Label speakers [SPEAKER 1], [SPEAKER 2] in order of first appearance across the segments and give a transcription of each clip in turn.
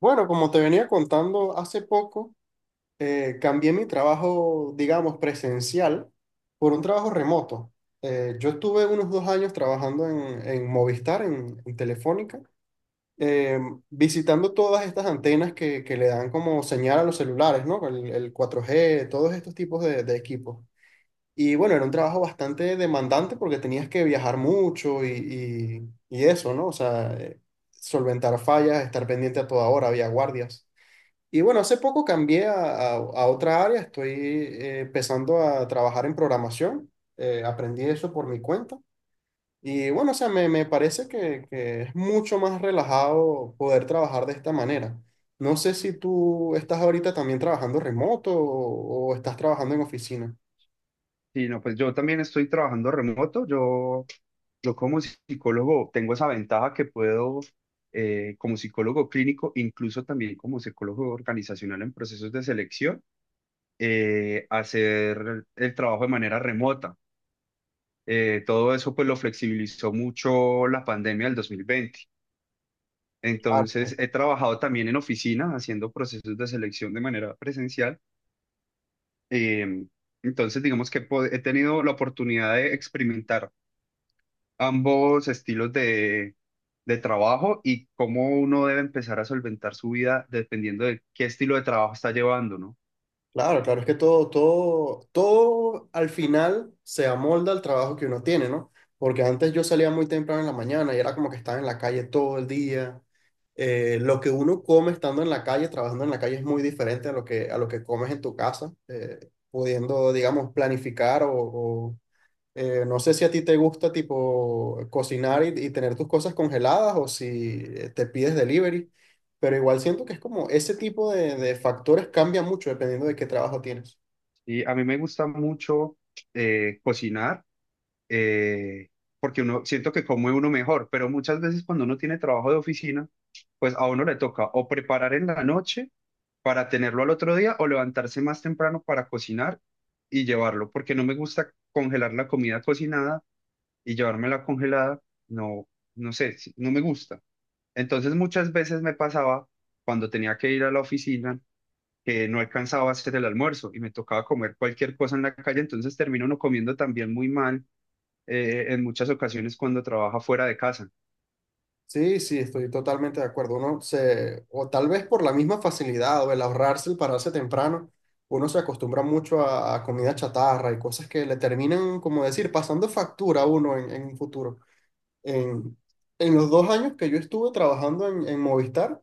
[SPEAKER 1] Bueno, como te venía contando hace poco, cambié mi trabajo, digamos, presencial por un trabajo remoto. Yo estuve unos 2 años trabajando en Movistar, en Telefónica, eh, visitando todas estas antenas que le dan como señal a los celulares, ¿no? El 4G, todos estos tipos de equipos. Y bueno, era un trabajo bastante demandante porque tenías que viajar mucho y eso, ¿no? O sea, solventar fallas, estar pendiente a toda hora, había guardias. Y bueno, hace poco cambié a otra área, estoy empezando a trabajar en programación. Aprendí eso por mi cuenta. Y bueno, o sea, me parece que es mucho más relajado poder trabajar de esta manera. No sé si tú estás ahorita también trabajando remoto o estás trabajando en oficina.
[SPEAKER 2] Sí, no, pues yo también estoy trabajando remoto. Yo como psicólogo tengo esa ventaja que puedo, como psicólogo clínico, incluso también como psicólogo organizacional en procesos de selección, hacer el trabajo de manera remota. Todo eso pues lo flexibilizó mucho la pandemia del 2020. Entonces
[SPEAKER 1] Claro,
[SPEAKER 2] he trabajado también en oficina haciendo procesos de selección de manera presencial. Em, entonces digamos que he tenido la oportunidad de experimentar ambos estilos de trabajo y cómo uno debe empezar a solventar su vida dependiendo de qué estilo de trabajo está llevando, ¿no?
[SPEAKER 1] claro, claro, es que todo al final se amolda al trabajo que uno tiene, ¿no? Porque antes yo salía muy temprano en la mañana y era como que estaba en la calle todo el día. Lo que uno come estando en la calle, trabajando en la calle, es muy diferente a lo que comes en tu casa, pudiendo, digamos, planificar o, no sé si a ti te gusta tipo cocinar y tener tus cosas congeladas o si te pides delivery, pero igual siento que es como ese tipo de factores cambia mucho dependiendo de qué trabajo tienes.
[SPEAKER 2] Y a mí me gusta mucho cocinar eh, porque uno siento que come uno mejor, pero muchas veces cuando uno tiene trabajo de oficina, pues a uno le toca o preparar en la noche para tenerlo al otro día o levantarse más temprano para cocinar y llevarlo, porque no me gusta congelar la comida cocinada y llevármela congelada, no, no sé, no me gusta. Entonces muchas veces me pasaba cuando tenía que ir a la oficina que no alcanzaba a hacer el almuerzo y me tocaba comer cualquier cosa en la calle, entonces termino uno comiendo también muy mal en muchas ocasiones cuando trabaja fuera de casa.
[SPEAKER 1] Sí, sí, estoy totalmente de acuerdo. Uno se, o tal vez por la misma facilidad o el ahorrarse, el pararse temprano, uno se acostumbra mucho a comida chatarra y cosas que le terminan, como decir, pasando factura a uno en un futuro. En, en los 2 años que yo estuve trabajando en Movistar,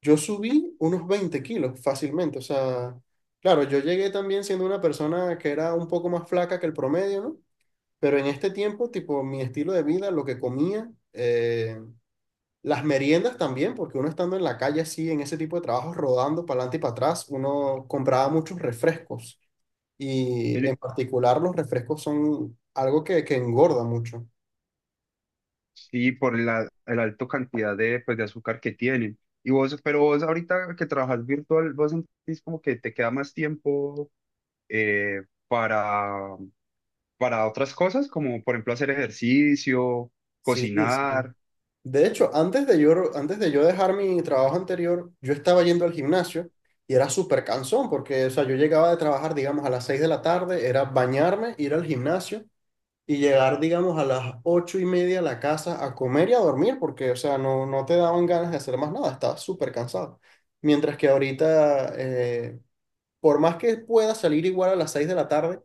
[SPEAKER 1] yo subí unos 20 kilos fácilmente. O sea, claro, yo llegué también siendo una persona que era un poco más flaca que el promedio, ¿no? Pero en este tiempo, tipo, mi estilo de vida, lo que comía, las meriendas también, porque uno estando en la calle así, en ese tipo de trabajos, rodando para adelante y para atrás, uno compraba muchos refrescos. Y en
[SPEAKER 2] Mire,
[SPEAKER 1] particular los refrescos son algo que engorda mucho.
[SPEAKER 2] sí, por la alta cantidad de, pues, de azúcar que tienen. Y vos, pero vos ahorita que trabajas virtual, vos sentís como que te queda más tiempo eh, para para otras cosas, como por ejemplo hacer ejercicio,
[SPEAKER 1] Sí, sí.
[SPEAKER 2] cocinar,
[SPEAKER 1] De hecho, antes de yo dejar mi trabajo anterior, yo estaba yendo al gimnasio y era súper cansón porque, o sea, yo llegaba de trabajar, digamos, a las 6 de la tarde, era bañarme, ir al gimnasio y llegar, digamos, a las 8 y media a la casa a comer y a dormir, porque, o sea, no, no te daban ganas de hacer más nada, estabas súper cansado. Mientras que ahorita, por más que pueda salir igual a las 6 de la tarde,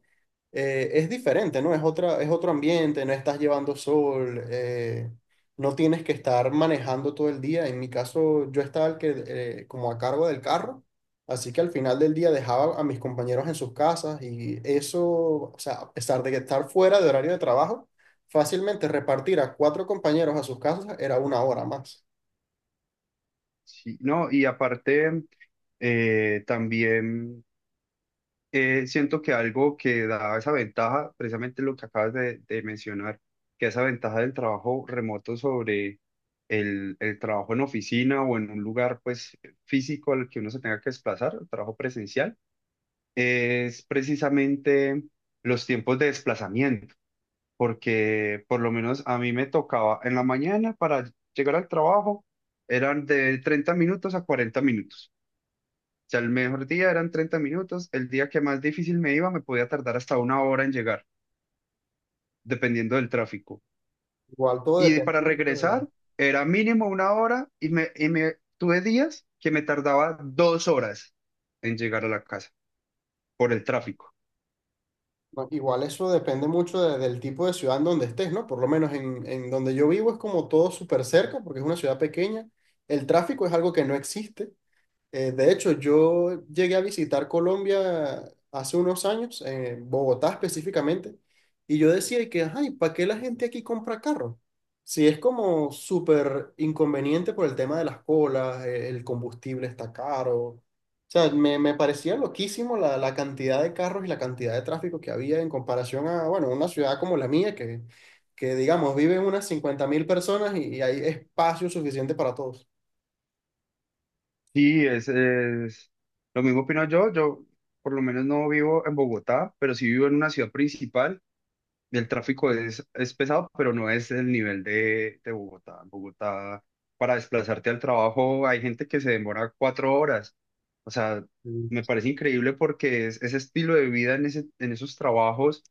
[SPEAKER 1] es diferente, ¿no? Es otra, es otro ambiente, no estás llevando sol, no tienes que estar manejando todo el día. En mi caso, yo estaba el que, como a cargo del carro, así que al final del día dejaba a mis compañeros en sus casas y eso, o sea, a pesar de que estar fuera de horario de trabajo, fácilmente repartir a 4 compañeros a sus casas era una hora más.
[SPEAKER 2] sí, ¿no? Y aparte, también siento que algo que da esa ventaja, precisamente lo que acabas de mencionar, que esa ventaja del trabajo remoto sobre el trabajo en oficina o en un lugar pues físico al que uno se tenga que desplazar, el trabajo presencial, es precisamente los tiempos de desplazamiento porque por lo menos a mí me tocaba en la mañana para llegar al trabajo, eran de 30 minutos a 40 minutos. O sea, el mejor día eran 30 minutos, el día que más difícil me iba me podía tardar hasta una hora en llegar, dependiendo del tráfico.
[SPEAKER 1] Igual todo
[SPEAKER 2] Y
[SPEAKER 1] depende.
[SPEAKER 2] para regresar era mínimo una hora y me tuve días que me tardaba 2 horas en llegar a la casa por el tráfico.
[SPEAKER 1] No, igual eso depende mucho del tipo de ciudad en donde estés, ¿no? Por lo menos en donde yo vivo es como todo súper cerca, porque es una ciudad pequeña. El tráfico es algo que no existe. De hecho, yo llegué a visitar Colombia hace unos años, en Bogotá específicamente, y yo decía que, ay, ¿para qué la gente aquí compra carro? Si es como súper inconveniente por el tema de las colas, el combustible está caro. O sea, me parecía loquísimo la cantidad de carros y la cantidad de tráfico que había en comparación a, bueno, una ciudad como la mía, que digamos, viven unas 50.000 personas y hay espacio suficiente para todos.
[SPEAKER 2] Sí, lo mismo opino yo. Yo por lo menos no vivo en Bogotá, pero sí vivo en una ciudad principal. El tráfico es pesado, pero no es el nivel de Bogotá. En Bogotá, para desplazarte al trabajo, hay gente que se demora 4 horas. O sea, me
[SPEAKER 1] Sí,
[SPEAKER 2] parece increíble porque ese estilo de vida en esos trabajos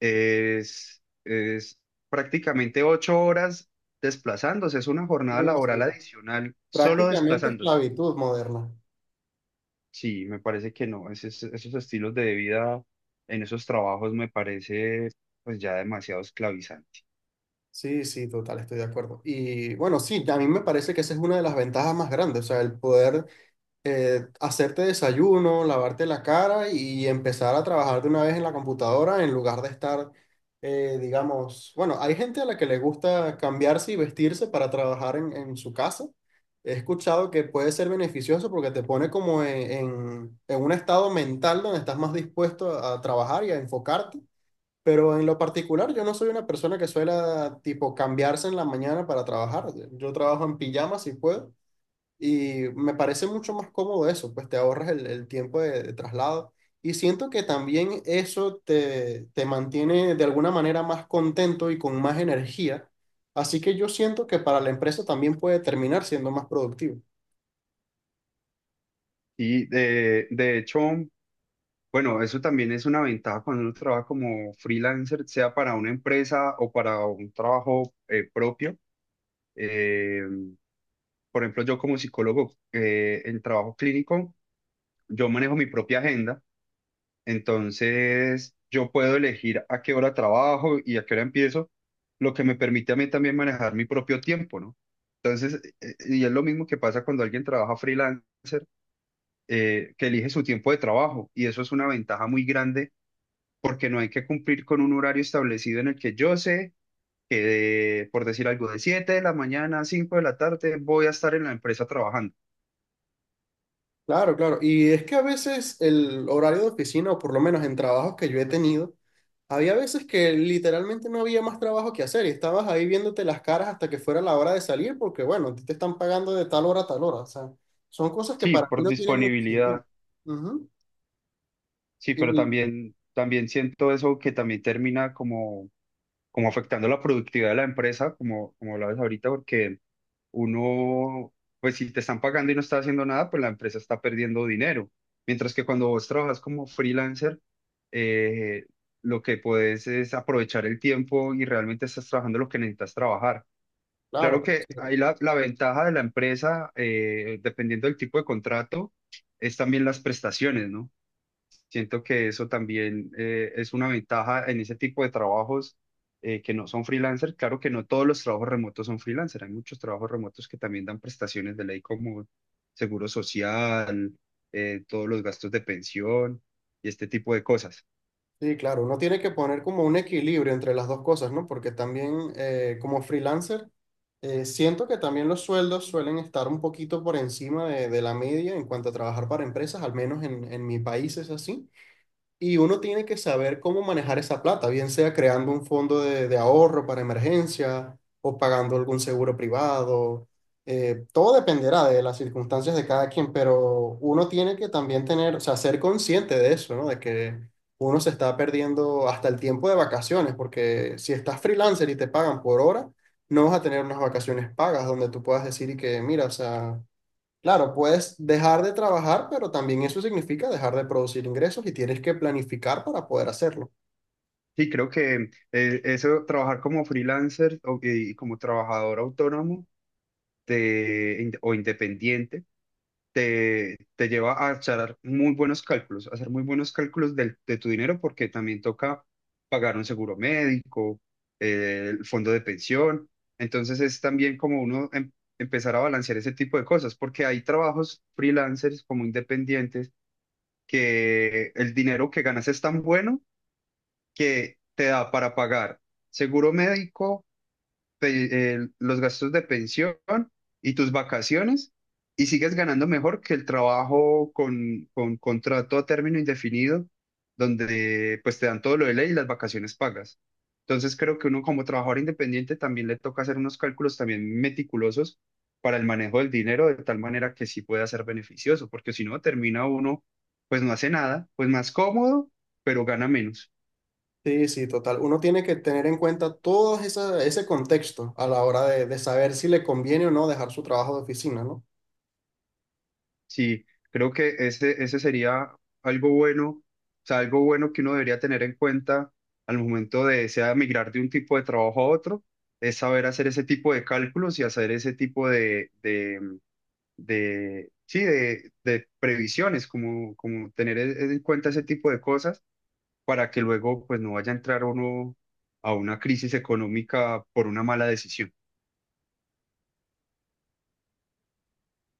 [SPEAKER 2] es prácticamente 8 horas desplazándose. Es una jornada
[SPEAKER 1] sí,
[SPEAKER 2] laboral
[SPEAKER 1] sí.
[SPEAKER 2] adicional solo
[SPEAKER 1] Prácticamente
[SPEAKER 2] desplazándose.
[SPEAKER 1] esclavitud moderna.
[SPEAKER 2] Sí, me parece que no. Esos estilos de vida en esos trabajos me parece pues ya demasiado esclavizante.
[SPEAKER 1] Sí, sí, total, estoy de acuerdo. Y bueno, sí, a mí me parece que esa es una de las ventajas más grandes, o sea, el poder hacerte desayuno, lavarte la cara y empezar a trabajar de una vez en la computadora en lugar de estar, digamos, bueno, hay gente a la que le gusta cambiarse y vestirse para trabajar en su casa. He escuchado que puede ser beneficioso porque te pone como en, en un estado mental donde estás más dispuesto a trabajar y a enfocarte. Pero en lo particular, yo no soy una persona que suela tipo cambiarse en la mañana para trabajar. Yo trabajo en pijama si puedo y me parece mucho más cómodo eso, pues te ahorras el tiempo de traslado. Y siento que también eso te, te mantiene de alguna manera más contento y con más energía. Así que yo siento que para la empresa también puede terminar siendo más productivo.
[SPEAKER 2] Y de hecho, bueno, eso también es una ventaja cuando uno trabaja como freelancer, sea para una empresa o para un trabajo propio. Eh, por ejemplo, yo como psicólogo en trabajo clínico, yo manejo mi propia agenda. Entonces, yo puedo elegir a qué hora trabajo y a qué hora empiezo, lo que me permite a mí también manejar mi propio tiempo, ¿no? Entonces, y es lo mismo que pasa cuando alguien trabaja freelancer, que elige su tiempo de trabajo, y eso es una ventaja muy grande porque no hay que cumplir con un horario establecido en el que yo sé que, por decir algo, de 7 de la mañana a 5 de la tarde voy a estar en la empresa trabajando.
[SPEAKER 1] Claro, claro. Y es que a veces el horario de oficina, o por lo menos en trabajos que yo he tenido, había veces que literalmente no había más trabajo que hacer y estabas ahí viéndote las caras hasta que fuera la hora de salir porque, bueno, a ti te están pagando de tal hora a tal hora. O sea, son cosas que
[SPEAKER 2] Sí,
[SPEAKER 1] para mí
[SPEAKER 2] por
[SPEAKER 1] no tienen mucho sentido.
[SPEAKER 2] disponibilidad,
[SPEAKER 1] Ujú.
[SPEAKER 2] sí, pero
[SPEAKER 1] Y
[SPEAKER 2] también, también siento eso que también termina como como afectando la productividad de la empresa, como, como lo ves ahorita, porque uno, pues si te están pagando y no estás haciendo nada, pues la empresa está perdiendo dinero. Mientras que cuando vos trabajas como freelancer, eh, lo que puedes es aprovechar el tiempo y realmente estás trabajando lo que necesitas trabajar.
[SPEAKER 1] claro,
[SPEAKER 2] Claro
[SPEAKER 1] claro,
[SPEAKER 2] que
[SPEAKER 1] sí,
[SPEAKER 2] ahí la ventaja de la empresa, dependiendo del tipo de contrato, es también las prestaciones, ¿no? Siento que eso también es una ventaja en ese tipo de trabajos que no son freelancer. Claro que no todos los trabajos remotos son freelancer. Hay muchos trabajos remotos que también dan prestaciones de ley como seguro social, todos los gastos de pensión y este tipo de cosas.
[SPEAKER 1] sí, claro, uno tiene que poner como un equilibrio entre las dos cosas, ¿no? Porque también como freelancer, siento que también los sueldos suelen estar un poquito por encima de la media en cuanto a trabajar para empresas, al menos en mi país es así. Y uno tiene que saber cómo manejar esa plata, bien sea creando un fondo de ahorro para emergencia o pagando algún seguro privado. Todo dependerá de las circunstancias de cada quien, pero uno tiene que también tener, o sea, ser consciente de eso, ¿no? De que uno se está perdiendo hasta el tiempo de vacaciones, porque si estás freelancer y te pagan por hora, no vas a tener unas vacaciones pagas donde tú puedas decir y que, mira, o sea, claro, puedes dejar de trabajar, pero también eso significa dejar de producir ingresos y tienes que planificar para poder hacerlo.
[SPEAKER 2] Sí, creo que eso, trabajar como freelancer y como trabajador autónomo o independiente te lleva a echar muy buenos cálculos, a hacer muy buenos cálculos de tu dinero porque también toca pagar un seguro médico, el fondo de pensión. Entonces es también como uno empezar a balancear ese tipo de cosas porque hay trabajos freelancers como independientes que el dinero que ganas es tan bueno que te da para pagar seguro médico los gastos de pensión y tus vacaciones y sigues ganando mejor que el trabajo con contrato a término indefinido, donde pues te dan todo lo de ley y las vacaciones pagas. Entonces creo que uno como trabajador independiente también le toca hacer unos cálculos también meticulosos para el manejo del dinero de tal manera que sí pueda ser beneficioso, porque si no termina uno, pues no hace nada, pues más cómodo, pero gana menos.
[SPEAKER 1] Sí, sí, total. Uno tiene que tener en cuenta ese contexto a la hora de saber si le conviene o no dejar su trabajo de oficina, ¿no?
[SPEAKER 2] Sí, creo que ese sería algo bueno, o sea, algo bueno que uno debería tener en cuenta al momento de, sea migrar de un tipo de trabajo a otro, es saber hacer ese tipo de cálculos y hacer ese tipo de, mm, de sí, de previsiones, como, como tener en cuenta ese tipo de cosas para que luego pues no vaya a entrar uno a una crisis económica por una mala decisión.